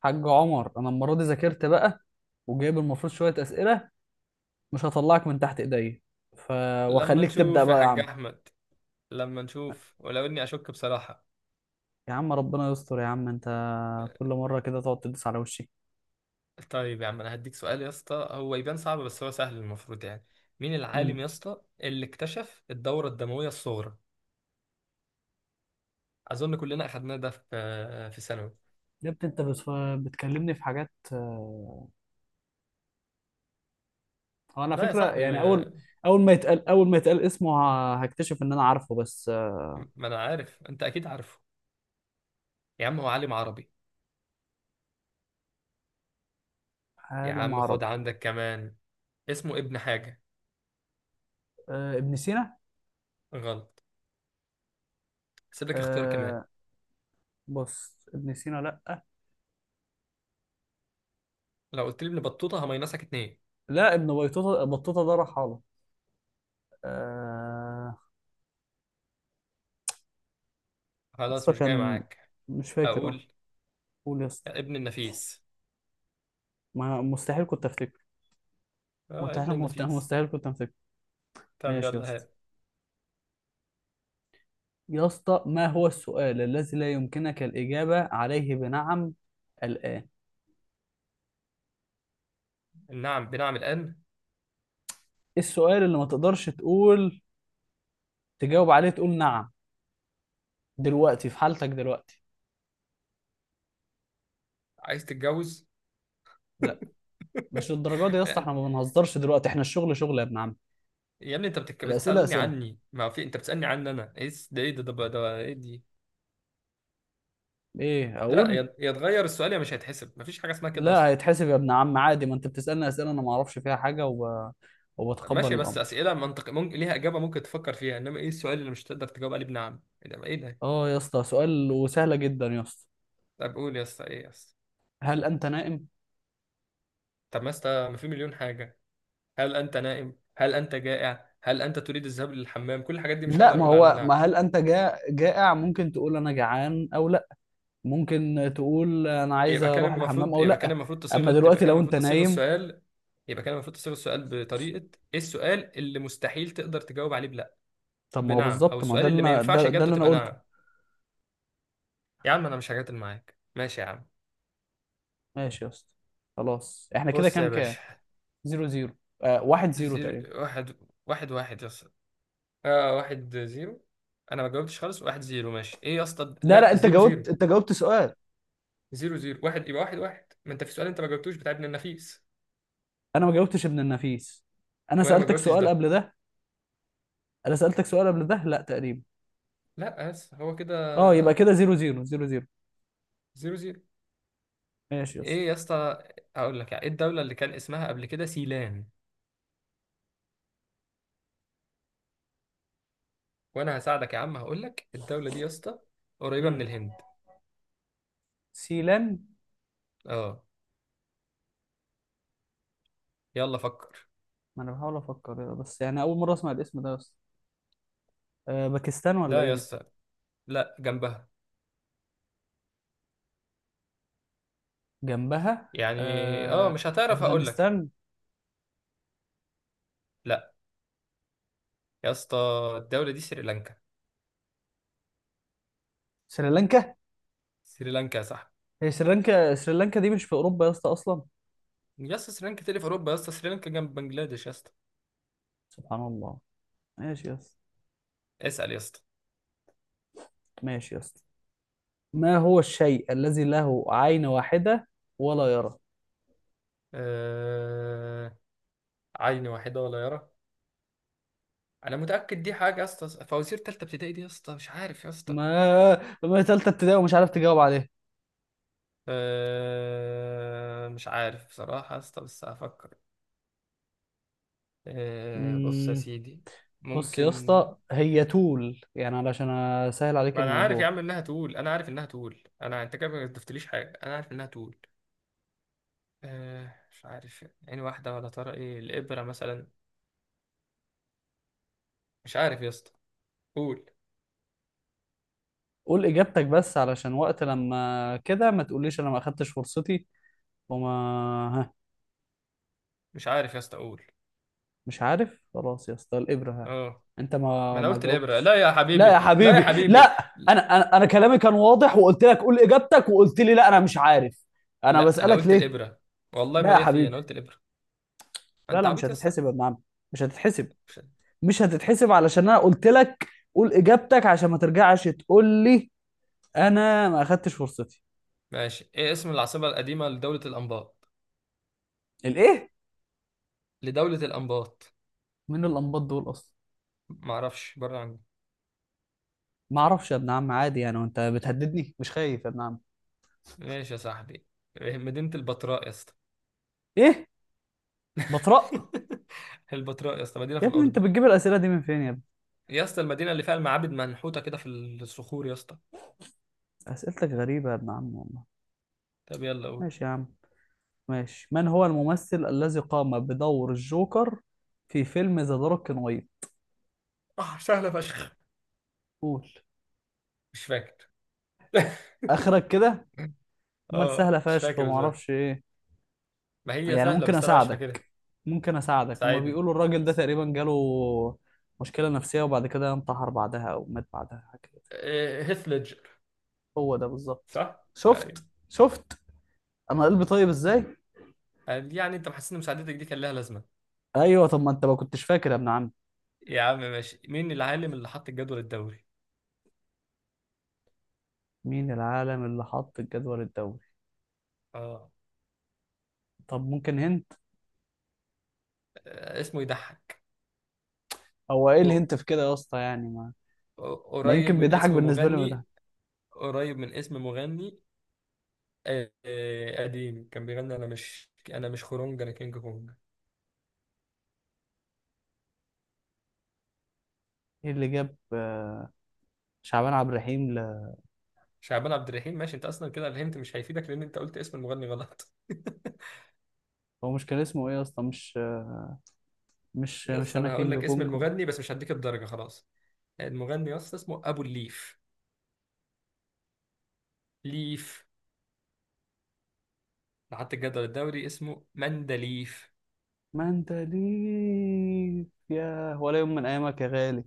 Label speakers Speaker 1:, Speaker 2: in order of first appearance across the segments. Speaker 1: حاج عمر، انا المره دي ذاكرت بقى، وجايب المفروض شويه اسئله. مش هطلعك من تحت ايديا. ف،
Speaker 2: لما
Speaker 1: واخليك تبدا
Speaker 2: نشوف يا
Speaker 1: بقى يا
Speaker 2: حاج
Speaker 1: عم.
Speaker 2: احمد، لما نشوف ولو اني اشك بصراحه.
Speaker 1: يا عم ربنا يستر، يا عم انت كل مره كده تقعد تدوس على وشي.
Speaker 2: طيب يا عم انا هديك سؤال يا اسطى، هو يبان صعب بس هو سهل المفروض يعني. مين
Speaker 1: امم
Speaker 2: العالم يا اسطى اللي اكتشف الدوره الدمويه الصغرى؟ اظن كلنا اخدناه ده في ثانوي.
Speaker 1: يا ابني انت بس بتكلمني في حاجات، هو انا
Speaker 2: لا يا
Speaker 1: فكره؟
Speaker 2: صاحبي.
Speaker 1: يعني
Speaker 2: ما,
Speaker 1: اول ما يتقال اسمه، هكتشف ان انا عارفه بس.
Speaker 2: ما انا عارف انت اكيد عارفه. يا عم هو عالم عربي. يا
Speaker 1: عالم
Speaker 2: عم خد
Speaker 1: عربي.
Speaker 2: عندك كمان، اسمه ابن حاجه.
Speaker 1: آه، ابن سينا.
Speaker 2: غلط. هسيب لك اختيار كمان.
Speaker 1: آه، بص ابن سينا لا.
Speaker 2: لو قلت لي ابن بطوطه هميناسك اتنين.
Speaker 1: لا، ابن بيتوتا، بطوطه ده رحاله. آه.
Speaker 2: خلاص
Speaker 1: اسطى
Speaker 2: مش جاي
Speaker 1: كان...
Speaker 2: معاك.
Speaker 1: مش فاكر اه.
Speaker 2: اقول
Speaker 1: قول يا اسطى.
Speaker 2: ابن النفيس.
Speaker 1: ما مستحيل كنت افتكر.
Speaker 2: اه ابن
Speaker 1: مستحيل مفتاح،
Speaker 2: النفيس.
Speaker 1: مستحيل كنت افتكر.
Speaker 2: طب يلا
Speaker 1: ماشي يا اسطى.
Speaker 2: ها.
Speaker 1: يا اسطى، ما هو السؤال الذي لا يمكنك الإجابة عليه بنعم الآن؟ إيه
Speaker 2: نعم بنعم الآن.
Speaker 1: السؤال اللي ما تقدرش تقول... تجاوب عليه تقول نعم دلوقتي، في حالتك دلوقتي؟
Speaker 2: عايز تتجوز؟
Speaker 1: لا، مش للدرجة دي يا اسطى، احنا
Speaker 2: يعني-
Speaker 1: ما بنهزرش دلوقتي، احنا الشغل شغل يا ابن عم.
Speaker 2: يا ابني انت
Speaker 1: الأسئلة
Speaker 2: بتسألني
Speaker 1: أسئلة،
Speaker 2: عني. ما في، انت بتسألني عني انا، ايه ده؟ ايه ده ايه دي؟
Speaker 1: ايه
Speaker 2: لا،
Speaker 1: اقول.
Speaker 2: يا اتغير السؤال يا، مش هيتحسب. مفيش حاجة اسمها كده
Speaker 1: لا،
Speaker 2: اصلا.
Speaker 1: هيتحسب يا ابن عم عادي، ما انت بتسألني أسئلة انا ما اعرفش فيها حاجة وبتقبل
Speaker 2: ماشي، بس
Speaker 1: الأمر.
Speaker 2: أسئلة منطق ممكن ليها إجابة، ممكن تفكر فيها. انما ايه السؤال اللي مش تقدر تجاوب عليه بنعم؟ ايه ده؟ ايه ده؟
Speaker 1: اه يا اسطى، سؤال وسهلة جدا يا اسطى.
Speaker 2: طب قول يا اسطى، ايه يا اسطى؟
Speaker 1: هل انت نائم؟
Speaker 2: طب ما اسطى ما في مليون حاجة. هل انت نائم؟ هل انت جائع؟ هل انت تريد الذهاب للحمام؟ كل الحاجات دي مش
Speaker 1: لا،
Speaker 2: هقدر
Speaker 1: ما
Speaker 2: اقول عليها
Speaker 1: هو،
Speaker 2: نعم.
Speaker 1: ما هل انت جائع؟ ممكن تقول انا جعان او لا، ممكن تقول انا عايز اروح الحمام او
Speaker 2: يبقى كان
Speaker 1: لا.
Speaker 2: المفروض
Speaker 1: اما
Speaker 2: تصيغ تبقى
Speaker 1: دلوقتي
Speaker 2: كان
Speaker 1: لو
Speaker 2: المفروض
Speaker 1: انت
Speaker 2: تصيغ
Speaker 1: نايم...
Speaker 2: السؤال. يبقى كان المفروض تصيغ السؤال بطريقة. ايه السؤال اللي مستحيل تقدر تجاوب عليه
Speaker 1: طب ما هو
Speaker 2: بنعم؟ او
Speaker 1: بالظبط، ما
Speaker 2: السؤال اللي ما ينفعش
Speaker 1: ده
Speaker 2: اجابته
Speaker 1: اللي انا
Speaker 2: تبقى
Speaker 1: قلته.
Speaker 2: نعم. يا عم انا مش هجادل معاك، ماشي يا عم.
Speaker 1: ماشي يا اسطى، خلاص احنا كده
Speaker 2: بص يا
Speaker 1: كام كام.
Speaker 2: باشا،
Speaker 1: زيرو زيرو. آه، واحد زيرو
Speaker 2: زيرو
Speaker 1: تقريبا.
Speaker 2: واحد. واحد واحد يا اسطى. اه واحد زيرو. انا ما جاوبتش خالص، واحد زيرو؟ ماشي ايه يا اسطى؟
Speaker 1: لا
Speaker 2: لا
Speaker 1: لا، انت
Speaker 2: زيرو
Speaker 1: جاوبت،
Speaker 2: زيرو.
Speaker 1: انت جاوبت سؤال.
Speaker 2: زيرو زيرو واحد يبقى واحد واحد. ما انت في سؤال انت ما جاوبتوش بتاع ابن النفيس.
Speaker 1: انا ما جاوبتش ابن النفيس. انا
Speaker 2: وانا ما
Speaker 1: سألتك
Speaker 2: جاوبتش
Speaker 1: سؤال
Speaker 2: ده.
Speaker 1: قبل ده. انا سألتك سؤال قبل ده، لا تقريبا.
Speaker 2: لا بس هو كده
Speaker 1: اه، يبقى كده زيرو زيرو، زيرو زيرو.
Speaker 2: زيرو زيرو.
Speaker 1: ماشي يا اسطى.
Speaker 2: ايه يا اسطى؟ هقول لك، يعني ايه الدولة اللي كان اسمها قبل كده سيلان؟ وانا هساعدك يا عم، هقول لك الدولة دي يا اسطى قريبة من
Speaker 1: مم.
Speaker 2: الهند.
Speaker 1: سيلان.
Speaker 2: اه. يلا فكر.
Speaker 1: ما انا بحاول افكر، بس يعني اول مره اسمع الاسم ده بس. أه، باكستان ولا
Speaker 2: لا
Speaker 1: ايه
Speaker 2: يا
Speaker 1: دي؟
Speaker 2: اسطى. لا جنبها،
Speaker 1: جنبها.
Speaker 2: يعني. اه
Speaker 1: أه.
Speaker 2: مش هتعرف، هقول لك.
Speaker 1: افغانستان.
Speaker 2: لا يا اسطى، الدولة دي سريلانكا.
Speaker 1: سريلانكا.
Speaker 2: سريلانكا يا صاحبي.
Speaker 1: هي سريلانكا؟ سريلانكا دي مش في اوروبا يا اسطى اصلا.
Speaker 2: يا اسطى سريلانكا تاني في اوروبا؟ يا اسطى سريلانكا جنب بنجلاديش يا اسطى.
Speaker 1: سبحان الله. ماشي يا اسطى.
Speaker 2: اسأل يا اسطى.
Speaker 1: ماشي يا اسطى، ما هو الشيء الذي له عين واحده ولا يرى؟
Speaker 2: آه... عين واحدة ولا يرى؟ انا متأكد دي حاجة يا اسطى فوازير تالتة ابتدائي دي يا اسطى، مش عارف يا اسطى.
Speaker 1: ما تالتة ابتدائي ومش عارف تجاوب عليها؟
Speaker 2: أه، مش عارف بصراحة يا اسطى، بس هفكر. أه بص يا
Speaker 1: مم،
Speaker 2: سيدي،
Speaker 1: بص يا
Speaker 2: ممكن.
Speaker 1: اسطى، هي تول يعني علشان اسهل عليك
Speaker 2: ما أنا عارف يا
Speaker 1: الموضوع.
Speaker 2: عم إنها تقول، أنا عارف إنها تقول. أنت كده ما ضفتليش حاجة، أنا عارف إنها تقول. أه، مش عارف. عين واحدة ولا ترى، إيه، الإبرة مثلا؟ مش عارف يا اسطى، قول.
Speaker 1: قول اجابتك بس، علشان وقت لما كده ما تقوليش انا ما اخدتش فرصتي وما... ها.
Speaker 2: مش عارف يا اسطى، قول.
Speaker 1: مش عارف؟ خلاص يا اسطى، الابره. ها،
Speaker 2: أه،
Speaker 1: انت
Speaker 2: ما
Speaker 1: ما
Speaker 2: أنا
Speaker 1: ما
Speaker 2: قلت
Speaker 1: جاوبتش.
Speaker 2: الإبرة. لا يا
Speaker 1: لا يا
Speaker 2: حبيبي، لا يا
Speaker 1: حبيبي،
Speaker 2: حبيبي.
Speaker 1: لا، انا كلامي كان واضح، وقلت لك قول اجابتك، وقلت لي لا انا مش عارف. انا
Speaker 2: لا، أنا
Speaker 1: بسالك
Speaker 2: قلت
Speaker 1: ليه.
Speaker 2: الإبرة. والله
Speaker 1: لا
Speaker 2: ما
Speaker 1: يا
Speaker 2: ليا فيه، أنا
Speaker 1: حبيبي،
Speaker 2: قلت الإبرة.
Speaker 1: لا
Speaker 2: أنت
Speaker 1: لا، مش
Speaker 2: عبيط يا اسطى.
Speaker 1: هتتحسب يا ابن عم. مش هتتحسب.
Speaker 2: مش-
Speaker 1: مش هتتحسب علشان انا قلت لك قول اجابتك، عشان ما ترجعش تقول لي انا ما اخدتش فرصتي.
Speaker 2: ماشي، إيه اسم العاصمة القديمة لدولة الأنباط؟
Speaker 1: الايه؟
Speaker 2: لدولة الأنباط.
Speaker 1: من الانباط دول اصلا؟
Speaker 2: معرفش بره عني.
Speaker 1: ما اعرفش يا ابن عم عادي يعني، وانت بتهددني مش خايف يا ابن عم.
Speaker 2: ماشي يا صاحبي. إيه، مدينة البتراء يا اسطى.
Speaker 1: ايه؟ بطرق.
Speaker 2: البتراء يا اسطى مدينة في
Speaker 1: يا ابني انت
Speaker 2: الأردن.
Speaker 1: بتجيب الاسئله دي من فين يا ابني؟
Speaker 2: يا اسطى المدينة اللي فيها المعابد منحوتة كده في الصخور يا اسطى.
Speaker 1: اسئلتك غريبه يا ابن عم والله.
Speaker 2: طب يلا قول.
Speaker 1: ماشي يا عم. ماشي، من هو الممثل الذي قام بدور الجوكر في فيلم ذا دارك نايت؟
Speaker 2: اه سهلة فشخ.
Speaker 1: قول.
Speaker 2: مش فاكر.
Speaker 1: اخرك كده، امال سهله
Speaker 2: اه مش
Speaker 1: فشخ
Speaker 2: فاكر
Speaker 1: وما
Speaker 2: ازاي.
Speaker 1: اعرفش ايه.
Speaker 2: ما هي
Speaker 1: يعني
Speaker 2: سهلة
Speaker 1: ممكن
Speaker 2: بس أنا مش فاكرها.
Speaker 1: اساعدك؟ ممكن اساعدك، هما
Speaker 2: ساعدني.
Speaker 1: بيقولوا الراجل ده تقريبا جاله مشكله نفسيه، وبعد كده انتحر بعدها او مات بعدها، حاجه كده.
Speaker 2: هيث ليدجر.
Speaker 1: هو ده بالظبط.
Speaker 2: صح؟ أيوة.
Speaker 1: شفت شفت، انا قلبي طيب ازاي.
Speaker 2: يعني أنت محسس إن مساعدتك دي كان لها لازمة.
Speaker 1: ايوه، طب ما انت ما كنتش فاكر يا ابن عم.
Speaker 2: يا عم ماشي. مين العالم اللي حط الجدول الدوري؟
Speaker 1: مين العالم اللي حط الجدول الدوري؟
Speaker 2: اه.
Speaker 1: طب ممكن هنت.
Speaker 2: اسمه يضحك.
Speaker 1: هو ايه
Speaker 2: هو
Speaker 1: الهنت في كده يا اسطى يعني، ما... ما
Speaker 2: قريب
Speaker 1: يمكن
Speaker 2: من
Speaker 1: بيضحك،
Speaker 2: اسم
Speaker 1: بالنسبه لي بيضحك.
Speaker 2: مغني. قريب من اسم مغني. قديم كان بيغني انا مش، خرونج انا كينج كونج.
Speaker 1: ايه اللي جاب شعبان عبد الرحيم
Speaker 2: شعبان عبد الرحيم. ماشي، انت اصلا كده الهنت مش هيفيدك، لان انت قلت اسم المغني غلط.
Speaker 1: هو مش كان اسمه ايه يا اسطى، مش مش مش
Speaker 2: بس
Speaker 1: انا
Speaker 2: انا هقول
Speaker 1: كينج
Speaker 2: لك اسم
Speaker 1: كونج.
Speaker 2: المغني، بس مش هديك الدرجه خلاص. المغني يا اسطى اسمه ابو الليف. ليف. لحد الجدول الدوري اسمه مندليف.
Speaker 1: ما انت ليك يا ولا يوم من ايامك يا غالي،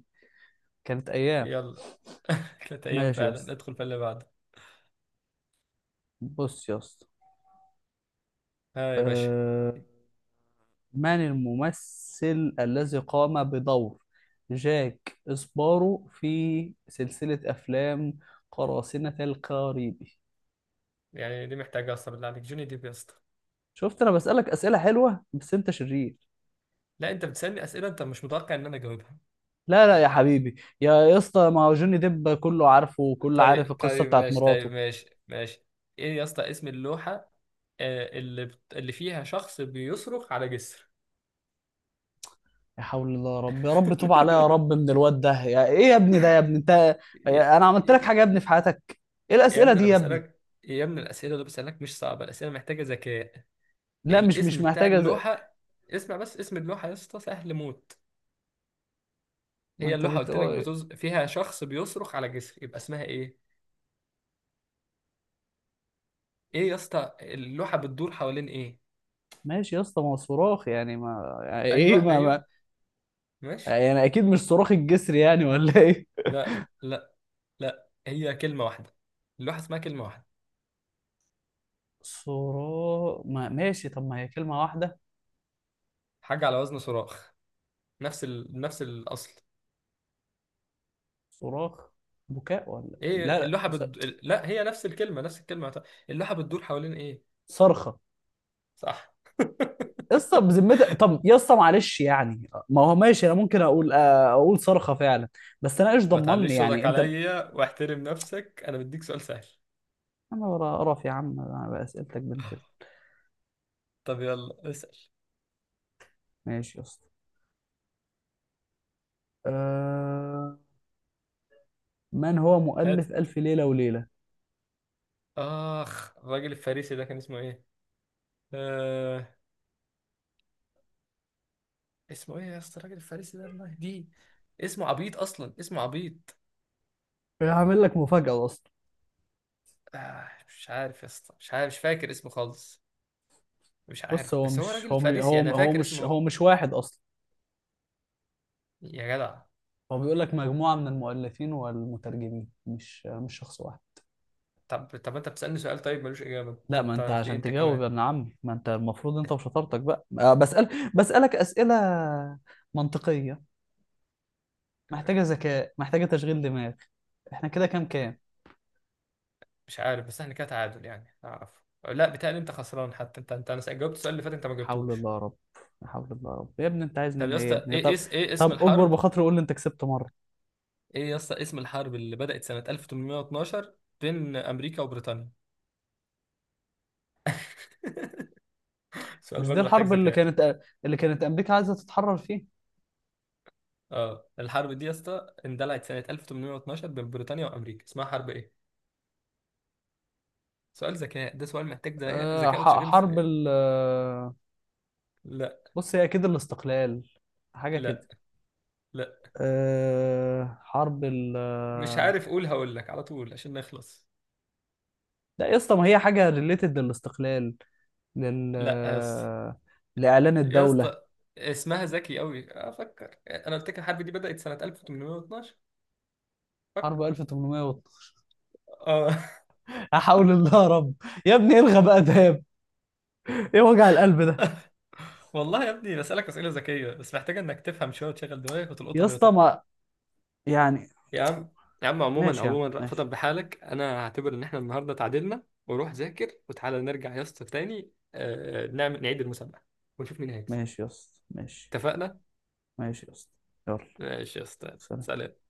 Speaker 1: كانت ايام.
Speaker 2: يلا. ثلاث ايام
Speaker 1: ماشي يا
Speaker 2: فعلا،
Speaker 1: اسطى.
Speaker 2: ندخل في اللي بعده.
Speaker 1: بص يا اسطى،
Speaker 2: ها يا باشا.
Speaker 1: أه... من الممثل الذي قام بدور جاك إسبارو في سلسلة أفلام قراصنة الكاريبي؟
Speaker 2: يعني دي محتاجه اصلا؟ بالله عليك، جوني ديب يا اسطى.
Speaker 1: شفت، أنا بسألك أسئلة حلوة بس أنت شرير.
Speaker 2: لا انت بتسألني اسئله انت مش متوقع ان انا اجاوبها.
Speaker 1: لا لا يا حبيبي، يا اسطى، ما هو جوني ديب كله عارفه، وكله عارف
Speaker 2: طيب
Speaker 1: القصة
Speaker 2: طيب
Speaker 1: بتاعت
Speaker 2: ماشي، طيب
Speaker 1: مراته.
Speaker 2: ماشي ماشي. ايه يا اسطى اسم اللوحه، اللي اللي فيها شخص بيصرخ على جسر؟
Speaker 1: يا حول الله يا رب، يا رب توب عليا يا رب من الواد ده، يا ايه يا ابني ده، يا ابني انت؟
Speaker 2: يا...
Speaker 1: انا عملت لك حاجه يا ابني في حياتك؟ ايه
Speaker 2: يا
Speaker 1: الاسئله
Speaker 2: ابني
Speaker 1: دي
Speaker 2: انا
Speaker 1: يا ابني؟
Speaker 2: بسألك يا ابني، الاسئله اللي بسألك مش صعبه، الاسئله محتاجه ذكاء.
Speaker 1: لا، مش
Speaker 2: الاسم
Speaker 1: مش
Speaker 2: بتاع
Speaker 1: محتاجه
Speaker 2: اللوحه. اسمع بس، اسم اللوحه يا اسطى سهل موت.
Speaker 1: ما
Speaker 2: هي
Speaker 1: انت
Speaker 2: اللوحه قلت لك
Speaker 1: بتقول.
Speaker 2: فيها شخص بيصرخ على جسر، يبقى اسمها ايه؟ ايه يا اسطى اللوحه بتدور حوالين ايه؟
Speaker 1: ماشي يا اسطى، ما هو صراخ يعني، ما يعني ايه
Speaker 2: ايوه
Speaker 1: ما.
Speaker 2: ايوه، ماشي.
Speaker 1: يعني اكيد مش صراخ الجسر يعني، ولا ايه؟
Speaker 2: لا لا. لا هي كلمة واحدة. اللوحة اسمها كلمة واحدة.
Speaker 1: صراخ. ما، ماشي. طب ما هي كلمة واحدة.
Speaker 2: حاجة على وزن صراخ. نفس الأصل.
Speaker 1: صراخ، بكاء، ولا لا
Speaker 2: ايه اللوحة
Speaker 1: لا،
Speaker 2: لا هي نفس الكلمة، نفس الكلمة اللوحة بتدور حوالين ايه؟
Speaker 1: صرخة.
Speaker 2: صح.
Speaker 1: يا اسطى بذمتك، طب يا اسطى معلش، يعني ما هو ماشي انا ممكن اقول، اقول صرخة فعلا. بس انا ايش
Speaker 2: ما
Speaker 1: ضمني
Speaker 2: تعليش
Speaker 1: يعني
Speaker 2: صوتك
Speaker 1: انت.
Speaker 2: عليا واحترم نفسك، انا بديك سؤال سهل.
Speaker 1: انا ورا قرف يا عم انا بأسئلتك، بنت
Speaker 2: طب يلا اسأل.
Speaker 1: ماشي يا اسطى. أه... من هو
Speaker 2: هات.
Speaker 1: مؤلف ألف ليلة وليلة؟
Speaker 2: اخ، الراجل الفارسي ده كان اسمه ايه؟ آه... اسمه ايه يا اسطى الراجل الفارسي ده، الله! دي اسمه عبيط، اصلا اسمه عبيط.
Speaker 1: هعمل لك مفاجأة يا اسطى.
Speaker 2: مش عارف يا اسطى، مش عارف، مش فاكر اسمه خالص. مش
Speaker 1: بص،
Speaker 2: عارف
Speaker 1: هو
Speaker 2: بس هو
Speaker 1: مش
Speaker 2: راجل
Speaker 1: هو مش
Speaker 2: فارسي،
Speaker 1: هو
Speaker 2: انا
Speaker 1: هو
Speaker 2: فاكر
Speaker 1: مش
Speaker 2: اسمه.
Speaker 1: هو مش واحد اصلا.
Speaker 2: يا جدع.
Speaker 1: هو بيقول لك مجموعه من المؤلفين والمترجمين، مش شخص واحد.
Speaker 2: طب طب انت بتسألني سؤال طيب ملوش اجابة.
Speaker 1: لا، ما
Speaker 2: انت
Speaker 1: انت
Speaker 2: في إيه
Speaker 1: عشان
Speaker 2: انت
Speaker 1: تجاوب يا
Speaker 2: كمان؟
Speaker 1: ابن عمي، ما انت المفروض انت وشطارتك بقى، بسألك اسئله منطقيه، محتاجه
Speaker 2: آه،
Speaker 1: ذكاء، محتاجه تشغيل دماغ. احنا كده كام كام.
Speaker 2: مش عارف بس احنا كده تعادل يعني اعرف. لا بتهيألي انت خسران حتى، انت انا جاوبت السؤال اللي فات، انت ما
Speaker 1: حول
Speaker 2: جاوبتوش.
Speaker 1: الله يا رب. لا حول الله يا رب، يا ابني انت عايز
Speaker 2: طب يا
Speaker 1: مني ايه يا
Speaker 2: اسطى،
Speaker 1: ابني؟
Speaker 2: ايه
Speaker 1: طب،
Speaker 2: ايه
Speaker 1: طب
Speaker 2: اسم
Speaker 1: اكبر
Speaker 2: الحرب؟
Speaker 1: بخاطري قول لي انت كسبت مره.
Speaker 2: ايه يا اسطى اسم الحرب اللي بدأت سنة 1812 بين امريكا وبريطانيا؟ سؤال
Speaker 1: مش دي
Speaker 2: برضه محتاج
Speaker 1: الحرب اللي
Speaker 2: ذكاء.
Speaker 1: كانت اللي كانت امريكا عايزه تتحرر فيها؟
Speaker 2: اه الحرب دي يا اسطى اندلعت سنة 1812 بين بريطانيا وامريكا، اسمها حرب ايه؟ سؤال ذكاء، ده سؤال محتاج ذكاء، ذكاء وتشغيل.
Speaker 1: حرب ال... بص هي اكيد الاستقلال، حاجه
Speaker 2: لا
Speaker 1: كده.
Speaker 2: لا.
Speaker 1: أه حرب ال
Speaker 2: مش عارف هقول لك على طول عشان نخلص.
Speaker 1: لا يا اسطى، ما هي حاجه ريليتد للاستقلال، لل
Speaker 2: لا يا اسطى،
Speaker 1: آه، لاعلان
Speaker 2: يا
Speaker 1: الدوله.
Speaker 2: اسطى اسمها ذكي قوي، افكر، انا قلت لك الحرب دي بدأت سنة 1812،
Speaker 1: حرب
Speaker 2: فكر.
Speaker 1: 1800.
Speaker 2: اه.
Speaker 1: احاول الله يا رب. يا ابني الغى بقى ده، ايه وجع القلب ده.
Speaker 2: والله يا ابني بسألك أسئلة ذكية بس محتاجة انك تفهم شوية وتشغل دماغك
Speaker 1: يا
Speaker 2: وتلقطها وهي
Speaker 1: اسطى
Speaker 2: طايرة.
Speaker 1: ما... يعني.
Speaker 2: يا عم، يا عم عموما،
Speaker 1: ماشي يا عم
Speaker 2: عموما رأفت
Speaker 1: ماشي.
Speaker 2: بحالك، انا هعتبر ان احنا النهارده تعادلنا وروح ذاكر وتعالى نرجع يا اسطى تاني، نعيد المسابقة ونشوف مين هيكسب.
Speaker 1: ماشي يا اسطى ماشي.
Speaker 2: اتفقنا.
Speaker 1: ماشي يا اسطى. يلا.
Speaker 2: ماشي يا اسطى،
Speaker 1: سلام.
Speaker 2: سلام.